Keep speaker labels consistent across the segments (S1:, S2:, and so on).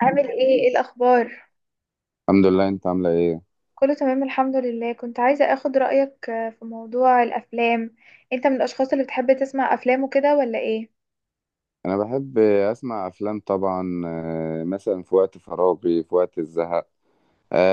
S1: عامل ايه؟ ايه الاخبار؟
S2: الحمد لله، انت عامله ايه؟
S1: كله تمام، الحمد لله. كنت عايزة اخد رأيك في موضوع الافلام. انت من الاشخاص اللي بتحب تسمع افلام وكده ولا ايه؟
S2: انا بحب اسمع افلام طبعا، مثلا في وقت فراغي، في وقت الزهق.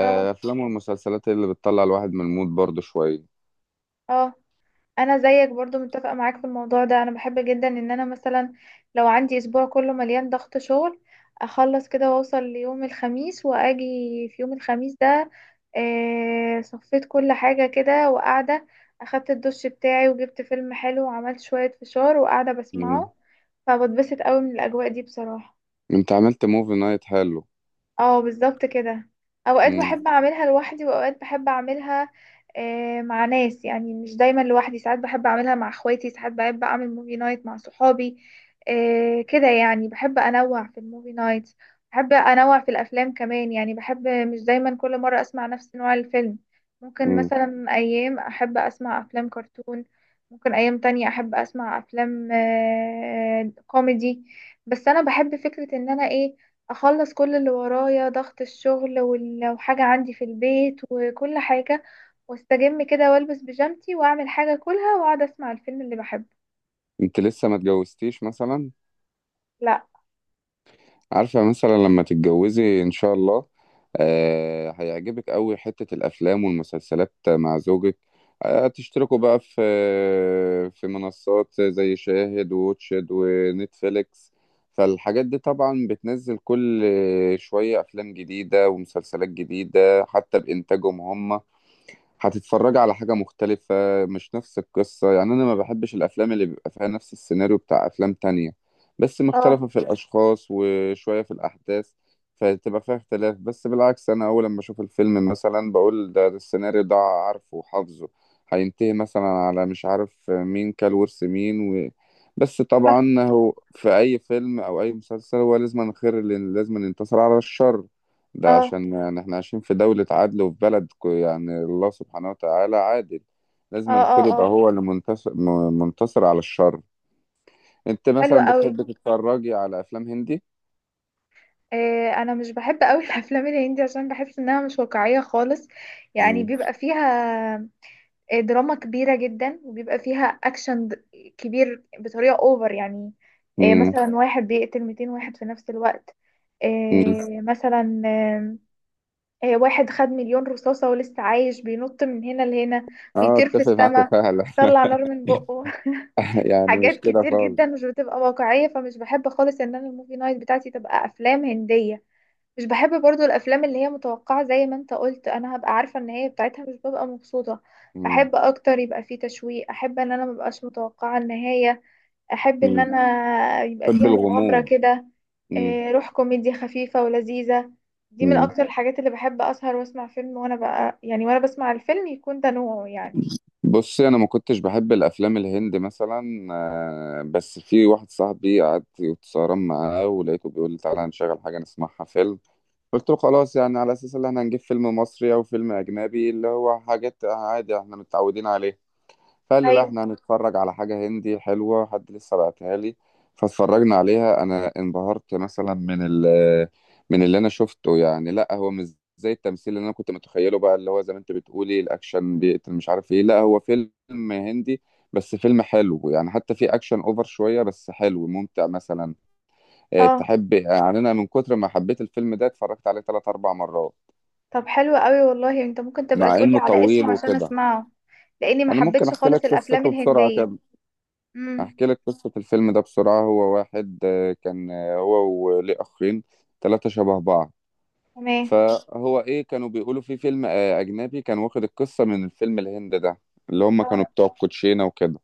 S1: اه.
S2: افلام والمسلسلات اللي بتطلع الواحد من المود برضه شويه.
S1: اه. انا زيك برضو متفقة معاك في الموضوع ده. انا بحب جدا ان انا مثلا لو عندي اسبوع كله مليان ضغط شغل، اخلص كده واوصل ليوم الخميس، واجي في يوم الخميس ده صفيت كل حاجة كده وقاعدة. اخدت الدش بتاعي وجبت فيلم حلو وعملت شوية فشار وقاعدة
S2: مم.
S1: بسمعه. فبتبسط قوي من الاجواء دي بصراحة.
S2: انت عملت موفي نايت حلو؟
S1: اه، بالظبط كده. اوقات
S2: مم.
S1: بحب اعملها لوحدي واوقات بحب اعملها مع ناس. يعني مش دايما لوحدي، ساعات بحب اعملها مع اخواتي، ساعات بحب اعمل موفي نايت مع صحابي. كده يعني بحب انوع في الموفي نايت، بحب انوع في الافلام كمان. يعني بحب مش دايما كل مرة اسمع نفس نوع الفيلم. ممكن
S2: مم.
S1: مثلا ايام احب اسمع افلام كرتون، ممكن ايام تانية احب اسمع افلام كوميدي. بس انا بحب فكرة ان انا ايه، اخلص كل اللي ورايا ضغط الشغل لو حاجة عندي في البيت وكل حاجة، واستجم كده والبس بيجامتي واعمل حاجة كلها واقعد اسمع الفيلم اللي بحبه.
S2: انت لسه ما اتجوزتيش مثلا؟
S1: لا.
S2: عارفة مثلا لما تتجوزي إن شاء الله هيعجبك أوي حتة الأفلام والمسلسلات مع زوجك. تشتركوا بقى في منصات زي شاهد ووتشد ونتفليكس. فالحاجات دي طبعا بتنزل كل شوية أفلام جديدة ومسلسلات جديدة حتى بإنتاجهم هم. هتتفرج على حاجة مختلفة مش نفس القصة، يعني أنا ما بحبش الأفلام اللي بيبقى فيها نفس السيناريو بتاع أفلام تانية، بس
S1: اه.
S2: مختلفة في الأشخاص وشوية في الأحداث. فتبقى فيها اختلاف، بس بالعكس أنا أول لما أشوف الفيلم مثلا بقول ده السيناريو ده عارفه وحافظه. هينتهي مثلا على مش عارف مين كل ورث مين بس
S1: صح.
S2: طبعا هو في أي فيلم أو أي مسلسل هو لازم الخير اللي لازم ينتصر على الشر. ده
S1: اه.
S2: عشان يعني احنا عايشين في دولة عدل وفي بلد يعني الله سبحانه وتعالى عادل.
S1: اه.
S2: لازم
S1: اه.
S2: الخير يبقى
S1: اه.
S2: هو اللي منتصر منتصر على الشر. انت
S1: حلو
S2: مثلا
S1: قوي.
S2: بتحب تتفرجي على افلام هندي؟
S1: انا مش بحب قوي الافلام الهندي عشان بحس انها مش واقعية خالص. يعني
S2: مم.
S1: بيبقى فيها دراما كبيرة جدا، وبيبقى فيها أكشن كبير بطريقة أوفر يعني.
S2: مم.
S1: مثلا واحد بيقتل 200 واحد في نفس الوقت.
S2: مم.
S1: مثلا آه، آه، واحد خد مليون رصاصة ولسه عايش بينط من هنا لهنا،
S2: اه،
S1: بيطير في
S2: اتفق معاك
S1: السماء،
S2: فعلا.
S1: بيطلع نار من بقه
S2: يعني مش
S1: حاجات
S2: كده
S1: كتير
S2: خالص.
S1: جدا مش بتبقى واقعية. فمش بحب خالص إن أنا الموفي نايت بتاعتي تبقى أفلام هندية. مش بحب برضو الافلام اللي هي متوقعة، زي ما انت قلت انا هبقى عارفة النهاية بتاعتها، مش ببقى مبسوطة.
S2: مم.
S1: احب اكتر يبقى فيه تشويق، احب ان انا مبقاش متوقعة النهاية، احب ان
S2: مم.
S1: انا يبقى
S2: بحب
S1: فيها مغامرة
S2: الغموض.
S1: كده.
S2: مم.
S1: إيه، روح كوميديا خفيفة ولذيذة، دي من
S2: مم.
S1: اكتر الحاجات اللي بحب اسهر واسمع فيلم وانا بقى يعني وانا بسمع الفيلم يكون ده نوعه يعني.
S2: بصي، انا ما كنتش بحب الافلام الهندي مثلا، بس في واحد صاحبي قعدت واتسهران معاه ولقيته بيقول لي تعالى هنشغل حاجه نسمعها فيلم. قلت له خلاص، يعني على اساس ان احنا هنجيب فيلم مصري او فيلم اجنبي اللي هو حاجات عادي احنا متعودين عليها. فقال لي لا
S1: ايوه.
S2: احنا هنتفرج على حاجه هندي حلوه، حد لسه بعتها لي. فاتفرجنا عليها. انا انبهرت مثلا من اللي انا شفته، يعني لا هو مش زي التمثيل اللي انا كنت متخيله، بقى اللي هو زي ما انت بتقولي الاكشن بيقتل مش عارف ايه، لا هو فيلم هندي بس فيلم حلو يعني، حتى في اكشن اوفر شويه بس حلو ممتع مثلا.
S1: اه.
S2: تحب يعني، انا من كتر ما حبيت الفيلم ده اتفرجت عليه ثلاث اربع مرات،
S1: طب حلو قوي والله، انت ممكن تبقى
S2: مع
S1: تقولي
S2: انه
S1: على
S2: طويل
S1: اسمه عشان
S2: وكده.
S1: اسمعه، لاني ما
S2: انا ممكن
S1: حبيتش
S2: احكي لك
S1: خالص الافلام
S2: قصته بسرعه
S1: الهندية.
S2: كده.
S1: امم.
S2: احكي لك قصه الفيلم ده بسرعه. هو واحد كان، هو وليه اخين، ثلاثه شبه بعض.
S1: تمام.
S2: فهو ايه كانوا بيقولوا في فيلم اجنبي كان واخد القصه من الفيلم الهند ده، اللي هم كانوا بتوع الكوتشينه وكده.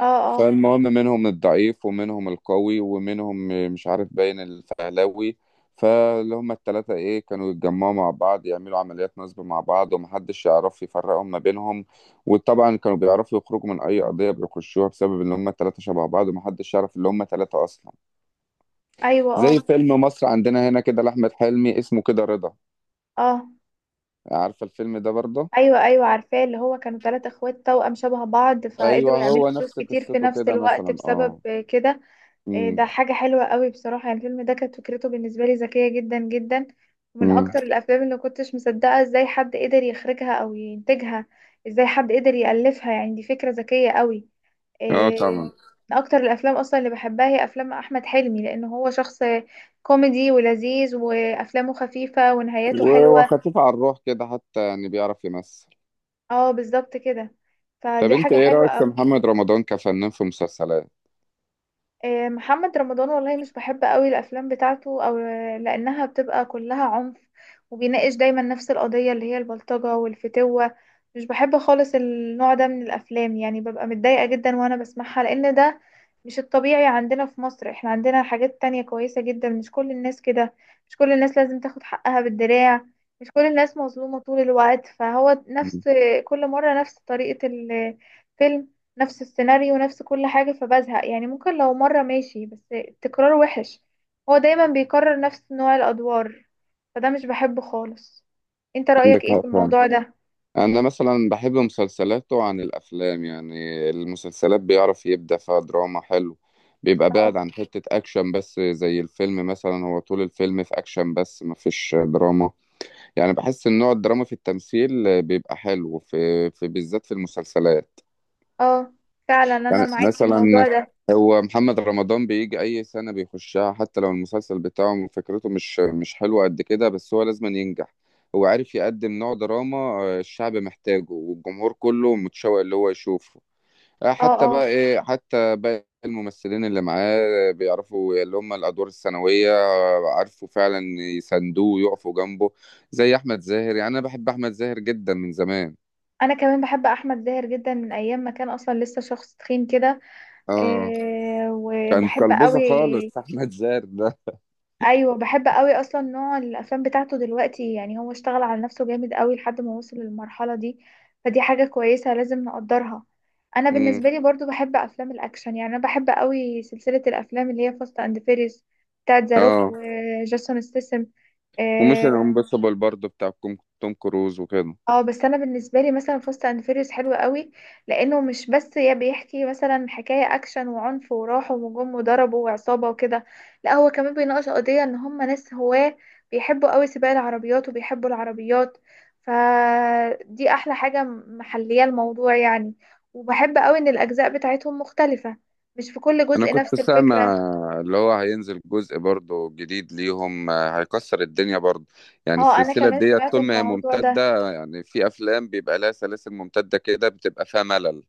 S1: اه. اه.
S2: فالمهم منهم الضعيف ومنهم القوي ومنهم مش عارف باين الفهلاوي. فاللي هما التلاتة ايه كانوا يتجمعوا مع بعض يعملوا عمليات نصب مع بعض ومحدش يعرف يفرقهم ما بينهم. وطبعا كانوا بيعرفوا يخرجوا من أي قضية بيخشوها بسبب إن هما التلاتة شبه بعض ومحدش يعرف إن هما تلاتة أصلا.
S1: ايوه. اه.
S2: زي فيلم مصر عندنا هنا كده لأحمد حلمي اسمه كده رضا.
S1: اه.
S2: عارفة الفيلم ده برضه؟
S1: ايوه. ايوه عارفاه، اللي هو كانوا ثلاثة اخوات توأم شبه بعض
S2: أيوه،
S1: فقدروا يعملوا
S2: هو
S1: فلوس
S2: نفس
S1: كتير في
S2: قصته
S1: نفس
S2: كده
S1: الوقت
S2: مثلا،
S1: بسبب
S2: اه.
S1: كده. إيه ده،
S2: امم.
S1: حاجة حلوة قوي بصراحة. يعني الفيلم ده كانت فكرته بالنسبة لي ذكية جدا جدا، ومن
S2: امم.
S1: اكتر الافلام اللي كنتش مصدقة ازاي حد قدر يخرجها او ينتجها، ازاي حد قدر يألفها. يعني دي فكرة ذكية قوي.
S2: اه
S1: إيه،
S2: طبعا.
S1: من اكتر الافلام اصلا اللي بحبها هي افلام احمد حلمي، لان هو شخص كوميدي ولذيذ، وافلامه خفيفة ونهاياته حلوة.
S2: وخفيف على الروح كده حتى يعني، بيعرف يمثل.
S1: اه، بالظبط كده.
S2: طب
S1: فدي
S2: انت
S1: حاجة
S2: ايه
S1: حلوة
S2: رأيك في
S1: قوي.
S2: محمد رمضان كفنان في مسلسلات؟
S1: محمد رمضان والله مش بحب قوي الافلام بتاعته، او لانها بتبقى كلها عنف، وبيناقش دايما نفس القضية اللي هي البلطجة والفتوة. مش بحب خالص النوع ده من الافلام. يعني ببقى متضايقة جدا وانا بسمعها، لان ده مش الطبيعي عندنا في مصر، احنا عندنا حاجات تانية كويسة جدا. مش كل الناس كده، مش كل الناس لازم تاخد حقها بالدراع، مش كل الناس مظلومة طول الوقت. فهو نفس
S2: مم.
S1: كل مرة نفس طريقة الفيلم، نفس السيناريو، نفس كل حاجة. فبزهق يعني، ممكن لو مرة ماشي بس التكرار وحش. هو دايما بيكرر نفس نوع الأدوار، فده مش بحبه خالص. انت رأيك
S2: عندك
S1: ايه
S2: حق
S1: في
S2: فعلا.
S1: الموضوع ده؟
S2: انا مثلا بحب مسلسلاته عن الافلام، يعني المسلسلات بيعرف يبدع فيها دراما حلو. بيبقى
S1: اه.
S2: بعد عن حتة اكشن، بس زي الفيلم مثلا هو طول الفيلم في اكشن بس مفيش دراما. يعني بحس ان نوع الدراما في التمثيل بيبقى حلو في بالذات في المسلسلات.
S1: اه. فعلا انا
S2: يعني
S1: معاك في
S2: مثلا
S1: الموضوع ده.
S2: هو محمد رمضان بيجي اي سنه بيخشها حتى لو المسلسل بتاعه فكرته مش حلوه قد كده، بس هو لازم ينجح. هو عارف يقدم نوع دراما الشعب محتاجه والجمهور كله متشوق اللي هو يشوفه.
S1: اه.
S2: حتى
S1: اه.
S2: بقى ايه، حتى باقي الممثلين اللي معاه بيعرفوا اللي هم الادوار الثانويه، عارفوا فعلا يساندوه ويقفوا جنبه. زي احمد زاهر، يعني انا بحب احمد زاهر جدا من زمان.
S1: انا كمان بحب احمد زاهر جدا من ايام ما كان اصلا لسه شخص تخين كده.
S2: اه، كان
S1: وبحب
S2: كلبوزه
S1: قوي.
S2: خالص احمد زاهر.
S1: ايوه، بحب قوي اصلا نوع الافلام بتاعته دلوقتي. يعني هو اشتغل على نفسه جامد قوي لحد ما وصل للمرحله دي، فدي حاجه كويسه لازم نقدرها. انا
S2: ده.
S1: بالنسبه لي برضو بحب افلام الاكشن، يعني انا بحب قوي سلسله الافلام اللي هي فاست اند فيريز بتاعت ذا روك
S2: اه
S1: وجاسون ستاثام.
S2: وميشن امبوسيبل برضو بتاع توم كروز وكده.
S1: اه. بس انا بالنسبه لي مثلا فاست اند فيريوس حلو قوي، لانه مش بس يا بيحكي مثلا حكايه اكشن وعنف وراحوا وجم وضربوا وعصابه وكده، لا هو كمان بيناقش قضيه ان هم ناس هواه، بيحبوا قوي سباق العربيات وبيحبوا العربيات. فدي احلى حاجه، محليه الموضوع يعني. وبحب قوي ان الاجزاء بتاعتهم مختلفه، مش في كل
S2: انا
S1: جزء
S2: كنت
S1: نفس الفكره.
S2: سامع اللي هو هينزل جزء برضو جديد ليهم، هيكسر الدنيا برضو. يعني
S1: اه، انا
S2: السلسلة
S1: كمان
S2: دي
S1: سمعت
S2: طول ما هي
S1: الموضوع ده.
S2: ممتدة، يعني في افلام بيبقى لها سلاسل ممتدة كده بتبقى فيها ملل.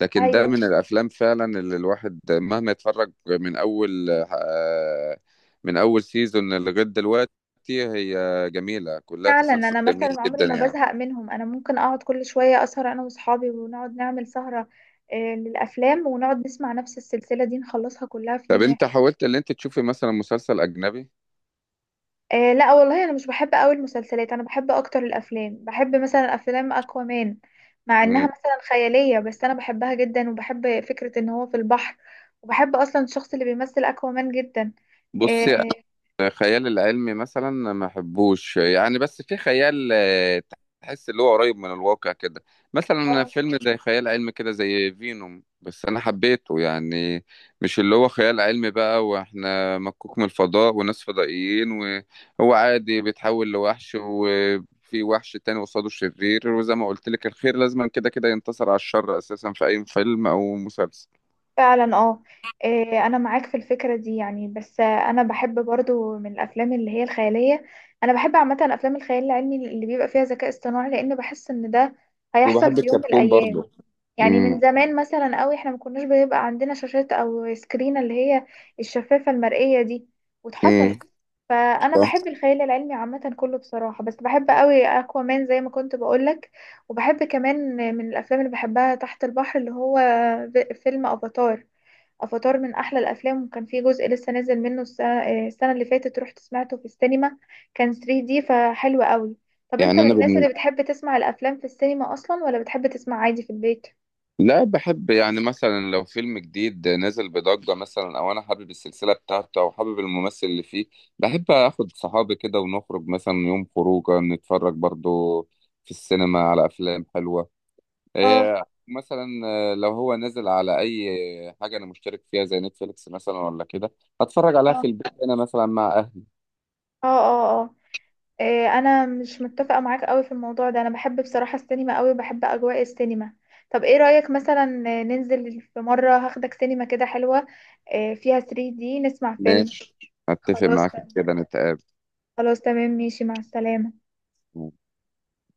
S2: لكن ده
S1: ايوه
S2: من الافلام فعلا اللي الواحد مهما يتفرج من اول من اول سيزون لغاية دلوقتي، هي جميلة كلها،
S1: فعلا.
S2: تسلسل
S1: انا
S2: جميل
S1: مثلا عمري
S2: جدا
S1: ما
S2: يعني.
S1: بزهق منهم، انا ممكن اقعد كل شويه اسهر انا واصحابي، ونقعد نعمل سهره للافلام، ونقعد نسمع نفس السلسله دي نخلصها كلها في
S2: طب
S1: يوم واحد.
S2: انت حاولت اللي انت تشوفي مثلا مسلسل اجنبي؟
S1: لا والله انا مش بحب قوي المسلسلات، انا بحب اكتر الافلام، بحب مثلا افلام اكوامان. مع انها
S2: مم.
S1: مثلا خياليه بس انا بحبها جدا، وبحب فكره ان هو في البحر. وبحب اصلا الشخص اللي بيمثل اكوامان جدا.
S2: بصي،
S1: اه.
S2: أنا خيال العلمي مثلا ما بحبوش يعني، بس في خيال تحس اللي هو قريب من الواقع كده. مثلا
S1: آه،
S2: فيلم زي خيال علمي كده زي فينوم بس انا حبيته يعني. مش اللي هو خيال علمي بقى واحنا مكوك من الفضاء وناس فضائيين، وهو عادي بيتحول لوحش وفي وحش تاني قصاده شرير، وزي ما قلت لك الخير لازما كده كده ينتصر على الشر اساسا في اي فيلم او مسلسل.
S1: فعلا اه. إيه، انا معاك في الفكره دي يعني. بس انا بحب برضو من الافلام اللي هي الخياليه، انا بحب عامه افلام الخيال العلمي اللي بيبقى فيها ذكاء اصطناعي، لان بحس ان ده هيحصل
S2: وبحب
S1: في يوم من
S2: الكرتون
S1: الايام.
S2: برضه.
S1: يعني من زمان مثلا قوي احنا ما كناش بيبقى عندنا شاشات او سكرين اللي هي الشفافه المرئيه دي، واتحصلت.
S2: امم.
S1: فانا بحب الخيال العلمي عامه كله بصراحه، بس بحب قوي اكوامان زي ما كنت بقولك. وبحب كمان من الافلام اللي بحبها تحت البحر اللي هو فيلم افاتار. افاتار من احلى الافلام، وكان في جزء لسه نازل منه السنة اللي فاتت، رحت سمعته في السينما، كان 3D فحلو قوي. طب انت
S2: يعني
S1: من الناس اللي بتحب تسمع الافلام في السينما اصلا ولا بتحب تسمع عادي في البيت؟
S2: لا بحب يعني مثلا لو فيلم جديد نازل بضجة مثلا او انا حابب السلسلة بتاعته او حابب الممثل اللي فيه، بحب اخد صحابي كده ونخرج مثلا يوم خروجه نتفرج برضو في السينما على افلام حلوة.
S1: اه.
S2: إيه. مثلا لو هو نازل على اي حاجة انا مشترك فيها زي نتفليكس مثلا ولا كده، هتفرج عليها
S1: اه.
S2: في البيت انا مثلا مع اهلي.
S1: اه. اه. اه. إيه، انا مش متفقه معاك قوي في الموضوع ده، انا بحب بصراحه السينما قوي، وبحب اجواء السينما. طب ايه رايك مثلا ننزل في مره هاخدك سينما كده حلوه، إيه، فيها 3D نسمع فيلم؟
S2: ماشي، اتفق
S1: خلاص.
S2: معاك في كده، نتقابل.
S1: خلاص تمام، ماشي مع السلامه.